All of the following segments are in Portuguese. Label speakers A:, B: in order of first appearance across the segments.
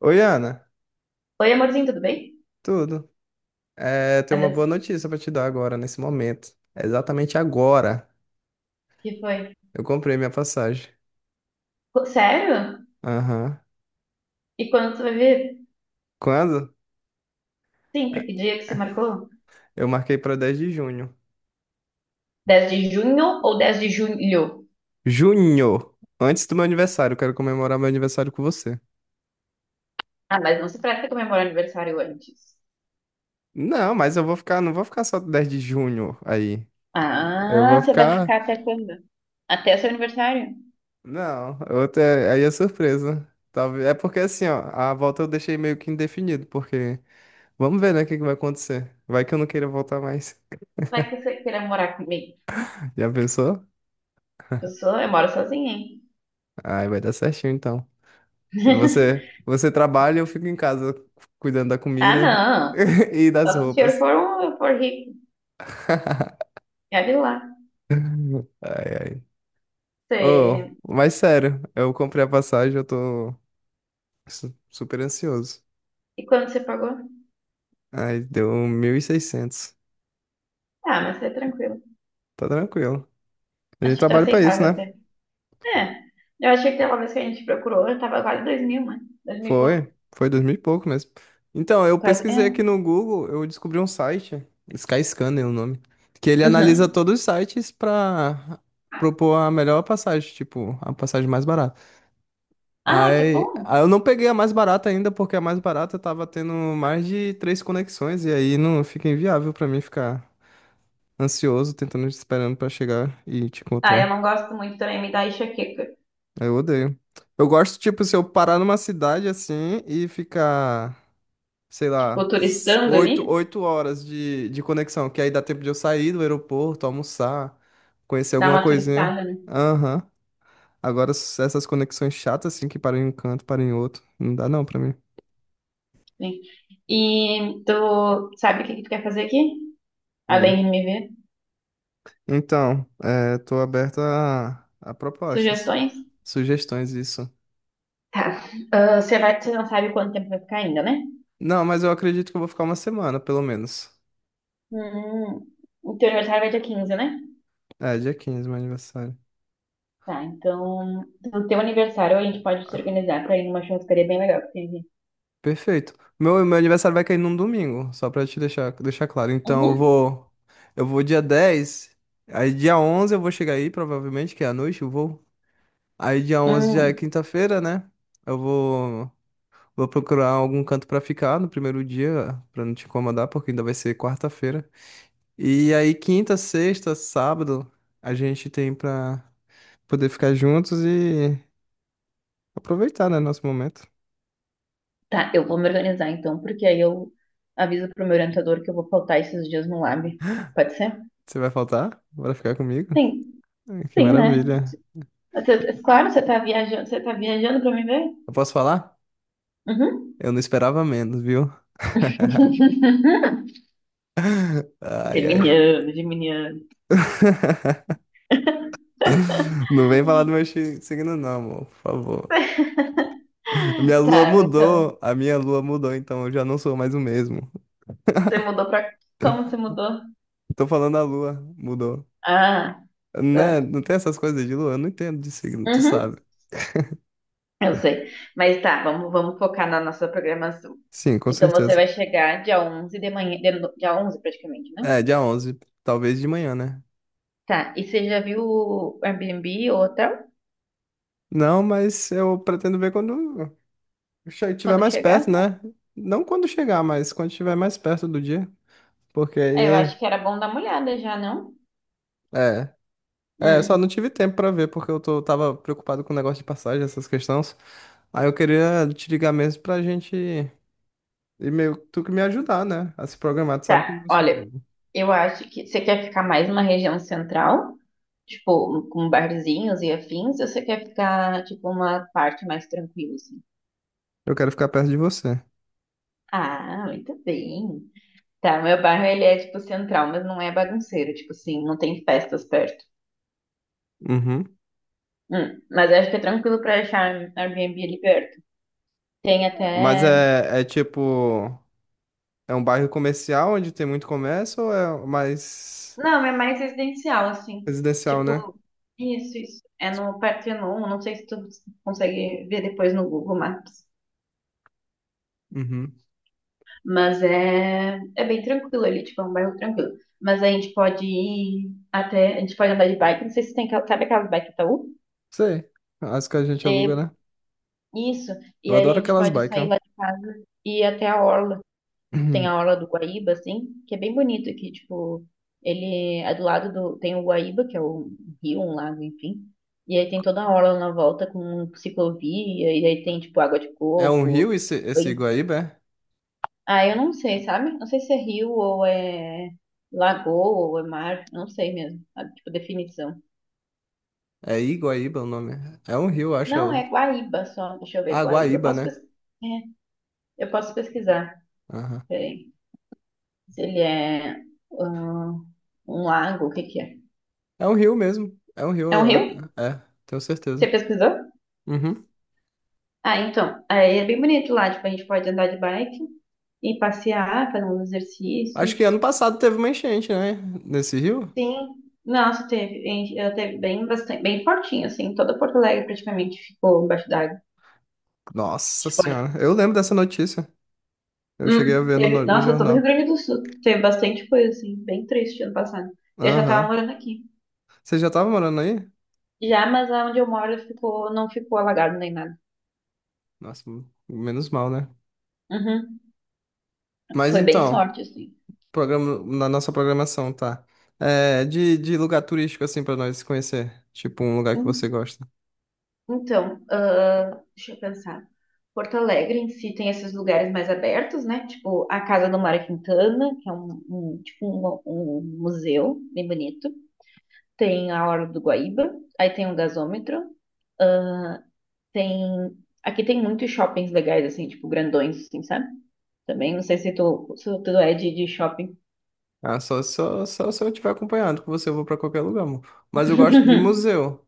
A: Oi, Ana,
B: Oi, amorzinho, tudo bem?
A: tudo? Tenho uma
B: Olha,
A: boa notícia pra te dar agora, nesse momento. Exatamente agora.
B: que foi?
A: Eu comprei minha passagem.
B: Sério?
A: Aham.
B: E quando tu vai ver?
A: Quando?
B: Sim, pra
A: É,
B: que dia que você marcou?
A: Eu marquei pra 10 de junho.
B: 10 de junho ou 10 de julho?
A: Junho! Antes do meu aniversário, eu quero comemorar meu aniversário com você.
B: Ah, mas não se trata de comemorar aniversário antes.
A: Não, mas eu vou ficar, não vou ficar só 10 de junho aí. Eu
B: Ah,
A: vou
B: você vai
A: ficar.
B: ficar até quando? Até seu aniversário?
A: Não, aí é surpresa. Talvez. É porque assim, ó, a volta eu deixei meio que indefinido, porque vamos ver, né, o que que vai acontecer. Vai que eu não queira voltar mais.
B: Vai que você queira morar comigo?
A: Já pensou?
B: Eu moro sozinha, hein?
A: Ai, vai dar certinho então. Você trabalha, eu fico em casa cuidando da
B: Ah,
A: comida
B: não.
A: e das
B: Só se o senhor
A: roupas.
B: for, for rico. Olha lá.
A: Ai, ai. Oh,
B: Você...
A: mas sério, eu comprei a passagem, eu tô super ansioso.
B: E quando você pagou?
A: Ai, deu 1.600.
B: Ah, mas é tranquilo.
A: Tá tranquilo. A gente
B: Acho que tá
A: trabalha pra isso,
B: aceitável
A: né?
B: até. É. Eu achei que pela vez que a gente procurou, eu tava quase dois mil, né? Dois mil e pouco.
A: Foi dois mil e pouco mesmo. Então, eu
B: Quase.
A: pesquisei aqui
B: É.
A: no Google, eu descobri um site, Skyscanner é o nome, que ele analisa
B: Uhum.
A: todos os sites pra propor a melhor passagem, tipo, a passagem mais barata.
B: Ah, que
A: Aí
B: bom.
A: eu não peguei a mais barata ainda, porque a mais barata tava tendo mais de três conexões, e aí não fica inviável pra mim ficar ansioso, tentando, esperando pra chegar e te
B: Ah, eu
A: encontrar.
B: não gosto muito também, me dá enxaqueca.
A: Aí eu odeio. Eu gosto, tipo, se eu parar numa cidade assim e ficar, sei
B: Tipo,
A: lá,
B: turistando
A: oito,
B: ali,
A: oito horas de conexão, que aí dá tempo de eu sair do aeroporto, almoçar, conhecer
B: dá
A: alguma
B: uma
A: coisinha.
B: turistada, né?
A: Aham. Agora, essas conexões chatas assim, que param em um canto, param em outro, não dá não pra mim.
B: Sim. E tu sabe o que que tu quer fazer aqui? Além de me ver?
A: Então, tô aberto a propostas,
B: Sugestões?
A: sugestões, isso.
B: Tá. Ah, você não sabe quanto tempo vai ficar ainda, né?
A: Não, mas eu acredito que eu vou ficar uma semana, pelo menos.
B: Hum. O teu aniversário vai dia 15, né?
A: É, dia 15, meu aniversário.
B: Tá, então, no teu aniversário a gente pode se organizar pra ir numa churrascaria bem legal que tem aqui.
A: Perfeito. Meu aniversário vai cair num domingo, só pra te deixar claro. Então, eu
B: Uhum.
A: vou, eu vou dia 10. Aí dia 11 eu vou chegar aí, provavelmente, que é à noite eu vou. Aí dia 11 já é
B: Hum.
A: quinta-feira, né? Eu vou procurar algum canto pra ficar no primeiro dia, pra não te incomodar, porque ainda vai ser quarta-feira. E aí, quinta, sexta, sábado, a gente tem pra poder ficar juntos e aproveitar, né, nosso momento.
B: Tá, eu vou me organizar então, porque aí eu aviso pro meu orientador que eu vou faltar esses dias no lab. Pode ser?
A: Você vai faltar? Bora ficar comigo?
B: Sim,
A: Ai, que
B: sim, né?
A: maravilha.
B: Você... Claro, você tá viajando pra me ver?
A: Eu posso falar?
B: Uhum.
A: Eu não esperava menos, viu? Ai, ai.
B: Geminiano, geminiano.
A: Não vem falar do meu signo, não, amor, por favor. A minha lua
B: Tá, então,
A: mudou, a minha lua mudou, então eu já não sou mais o mesmo.
B: você mudou pra... Como você mudou?
A: Tô falando a lua, mudou.
B: Ah,
A: Né?
B: tá.
A: Não tem essas coisas de lua? Eu não entendo de signo, tu sabe.
B: Uhum, eu sei. Mas tá, vamos focar na nossa programação.
A: Sim, com
B: Então você
A: certeza.
B: vai chegar dia 11 de manhã, de no- dia 11 praticamente, né?
A: É, dia 11, talvez de manhã, né?
B: Tá, e você já viu o Airbnb ou hotel?
A: Não, mas eu pretendo ver quando estiver
B: Quando
A: mais
B: chegar?
A: perto, né? Não quando chegar, mas quando estiver mais perto do dia. Porque
B: É, eu
A: aí.
B: acho que era bom dar uma olhada já, não?
A: É. É, só não
B: Hum,
A: tive tempo pra ver, porque tava preocupado com o negócio de passagem, essas questões. Aí eu queria te ligar mesmo pra gente. E meio que tu que me ajudar, né? A se programar, tu sabe que
B: tá.
A: eu sou
B: Olha,
A: bobo.
B: eu acho que você quer ficar mais numa região central, tipo, com barzinhos e afins, ou você quer ficar, tipo, uma parte mais tranquila, assim?
A: Eu quero ficar perto de você.
B: Ah, muito bem. Tá, meu bairro, ele é, tipo, central, mas não é bagunceiro, tipo assim, não tem festas perto.
A: Uhum.
B: Mas acho que é tranquilo pra achar um Airbnb ali perto. Tem
A: Mas
B: até...
A: é tipo. É um bairro comercial onde tem muito comércio ou é mais
B: Não, é mais residencial, assim.
A: residencial, né?
B: Tipo, isso. É no Partenon. Não sei se tu consegue ver depois no Google Maps.
A: Uhum.
B: Mas é bem tranquilo ali, tipo, é um bairro tranquilo. Mas a gente pode ir até, a gente pode andar de bike, não sei se tem, aquela... Sabe aquelas bike Itaú?
A: Sei. As que a gente aluga,
B: É,
A: né?
B: isso. E
A: Eu
B: aí a
A: adoro
B: gente
A: aquelas
B: pode
A: bikes,
B: sair
A: ó.
B: lá de casa e ir até a orla. Tem
A: Uhum.
B: a Orla do Guaíba, assim, que é bem bonito aqui, tipo, ele é do lado do... Tem o Guaíba, que é rio, um lago, enfim. E aí tem toda a orla na volta com ciclovia, e aí tem, tipo, água de
A: É um
B: coco,
A: rio esse
B: banho.
A: Iguaíba?
B: Ah, eu não sei, sabe? Não sei se é rio ou é lagoa ou é mar, não sei mesmo, sabe? Tipo, definição.
A: É Iguaíba o nome. É um rio, acho.
B: Não, é Guaíba só, deixa eu ver,
A: Ah,
B: Guaíba.
A: Guaíba,
B: Posso
A: né?
B: pesquisar? Eu posso pesquisar,
A: Aham.
B: peraí. Se ele é ah, um lago, o que que é?
A: É um rio mesmo. É um rio.
B: É um rio?
A: É, tenho
B: Você
A: certeza.
B: pesquisou?
A: Uhum.
B: Ah, então, aí é bem bonito lá, tipo, a gente pode andar de bike e passear, fazer uns
A: Acho que
B: exercícios.
A: ano passado teve uma enchente, né? Nesse rio?
B: Sim. Nossa, teve, eu teve bem bastante, bem fortinho, assim, toda Porto Alegre praticamente ficou embaixo d'água.
A: Nossa
B: Tipo, olha,
A: Senhora. Eu lembro dessa notícia. Eu cheguei a ver no, no
B: teve,
A: no
B: nossa, todo o Rio
A: jornal.
B: Grande do Sul teve bastante coisa, assim, bem triste ano passado. Eu já tava
A: Aham.
B: morando aqui.
A: Você já tava morando aí?
B: Já, mas onde eu moro ficou, não ficou alagado nem nada.
A: Nossa, menos mal, né?
B: Uhum,
A: Mas
B: foi bem
A: então,
B: sorte,
A: na nossa programação, tá? É, de lugar turístico, assim, pra nós conhecer. Tipo, um lugar que você
B: assim.
A: gosta.
B: Então, ah, deixa eu pensar. Porto Alegre em si tem esses lugares mais abertos, né? Tipo a Casa do Mário Quintana, que é tipo um museu bem bonito. Tem a Orla do Guaíba, aí tem um gasômetro, tem aqui tem muitos shoppings legais assim, tipo grandões, assim, sabe? Também não sei se tu é de shopping.
A: Ah, só se eu estiver acompanhando, com você eu vou pra qualquer lugar, amor. Mas eu gosto de museu.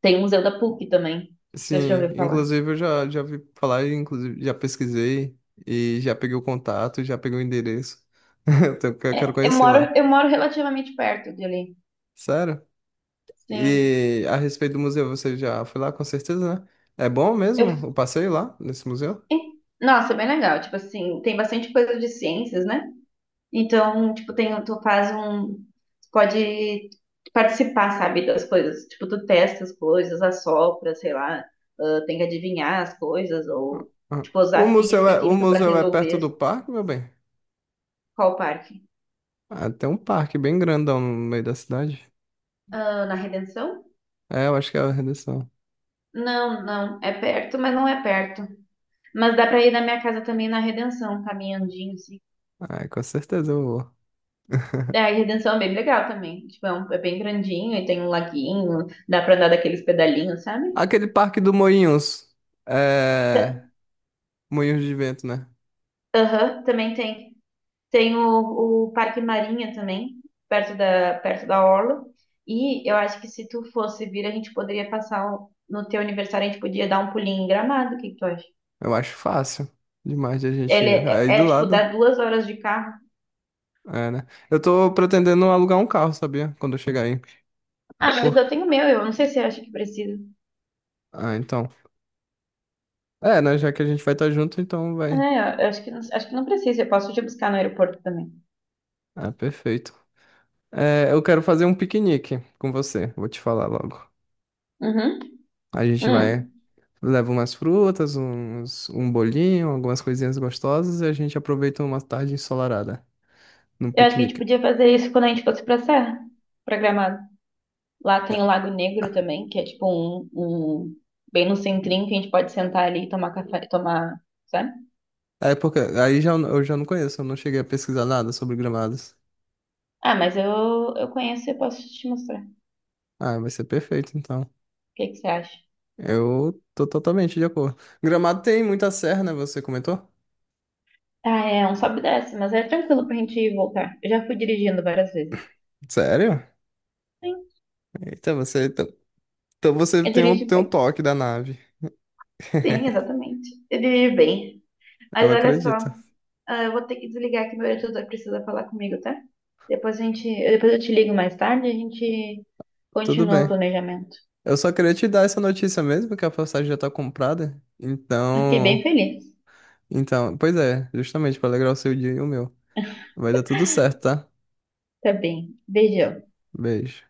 B: Tem o Museu da PUC também. Não sei se já
A: Sim,
B: ouviu falar.
A: inclusive eu já vi falar, inclusive já pesquisei e já peguei o contato, já peguei o endereço. Eu
B: É,
A: quero conhecer lá.
B: eu moro relativamente perto de ali.
A: Sério?
B: Sim.
A: E a respeito do museu, você já foi lá, com certeza, né? É bom mesmo o
B: Eu
A: passeio lá, nesse museu?
B: Nossa, é bem legal. Tipo assim, tem bastante coisa de ciências, né? Então, tipo, tem, tu faz um... Tu pode participar, sabe, das coisas. Tipo, tu testa as coisas, assopra, sei lá, ah, tem que adivinhar as coisas, ou,
A: Ah,
B: tipo,
A: O
B: usar
A: museu
B: física,
A: é, o
B: química pra
A: museu é perto
B: resolver
A: do parque, meu bem?
B: qual parque.
A: Ah, tem um parque bem grandão no meio da cidade.
B: Ah, na Redenção?
A: É, eu acho que é a Redenção.
B: Não, não. É perto, mas não é perto. Mas dá pra ir da minha casa também na Redenção, caminhandinho.
A: Ah, com certeza eu vou.
B: É, a Redenção é bem legal também. Tipo, é, um... É bem grandinho e tem um laguinho, dá pra andar daqueles pedalinhos, sabe?
A: Aquele parque do Moinhos. É.
B: Ta-
A: Moinhos de vento, né?
B: Aham, também tem. Tem o Parque Marinha também, perto perto da Orla. E eu acho que se tu fosse vir, a gente poderia passar um... No teu aniversário, a gente podia dar um pulinho em Gramado, o que que tu acha?
A: Eu acho fácil demais de a gente
B: Ele
A: ir.
B: é,
A: Aí do
B: tipo, dá
A: lado.
B: duas horas de carro.
A: É, né? Eu tô pretendendo alugar um carro, sabia? Quando eu chegar aí.
B: Ah, mas
A: Por...
B: eu tenho o meu, eu não sei se eu acho que precisa.
A: Ah, então. É, né? Já que a gente vai estar junto, então vai.
B: É, eu acho que, acho que não precisa, eu posso te buscar no aeroporto também.
A: Ah, perfeito. É, eu quero fazer um piquenique com você. Vou te falar logo.
B: Uhum.
A: A gente vai.
B: Hum.
A: Leva umas frutas, um bolinho, algumas coisinhas gostosas e a gente aproveita uma tarde ensolarada, num
B: Eu acho que a gente
A: piquenique.
B: podia fazer isso quando a gente fosse pra Serra, pra Gramado. Lá tem
A: É
B: o Lago Negro também, que é tipo bem no centrinho que a gente pode sentar ali e tomar café, tomar, sabe?
A: é porque aí já, eu já não conheço, eu não cheguei a pesquisar nada sobre gramados.
B: Ah, mas eu conheço e eu posso te mostrar. O
A: Ah, vai ser perfeito então.
B: que que você acha?
A: Eu tô totalmente de acordo. Gramado tem muita serra, né? Você comentou?
B: Ah, é um sobe e desce, mas é tranquilo pra gente ir e voltar. Eu já fui dirigindo várias vezes.
A: Sério?
B: Sim,
A: Eita, você. Então você
B: eu
A: tem um,
B: dirijo
A: tem um
B: bem.
A: toque da nave.
B: Sim, exatamente. Eu dirijo bem.
A: Eu
B: Mas olha só,
A: acredito.
B: ah, eu vou ter que desligar que meu editor precisa falar comigo, tá? Depois eu te ligo mais tarde, a gente
A: Tudo
B: continua o
A: bem.
B: planejamento.
A: Eu só queria te dar essa notícia mesmo, que a passagem já tá comprada.
B: Eu fiquei bem feliz.
A: Então, pois é, justamente pra alegrar o seu dia e o meu. Vai dar tudo certo, tá?
B: Tá bem. Beijão.
A: Beijo.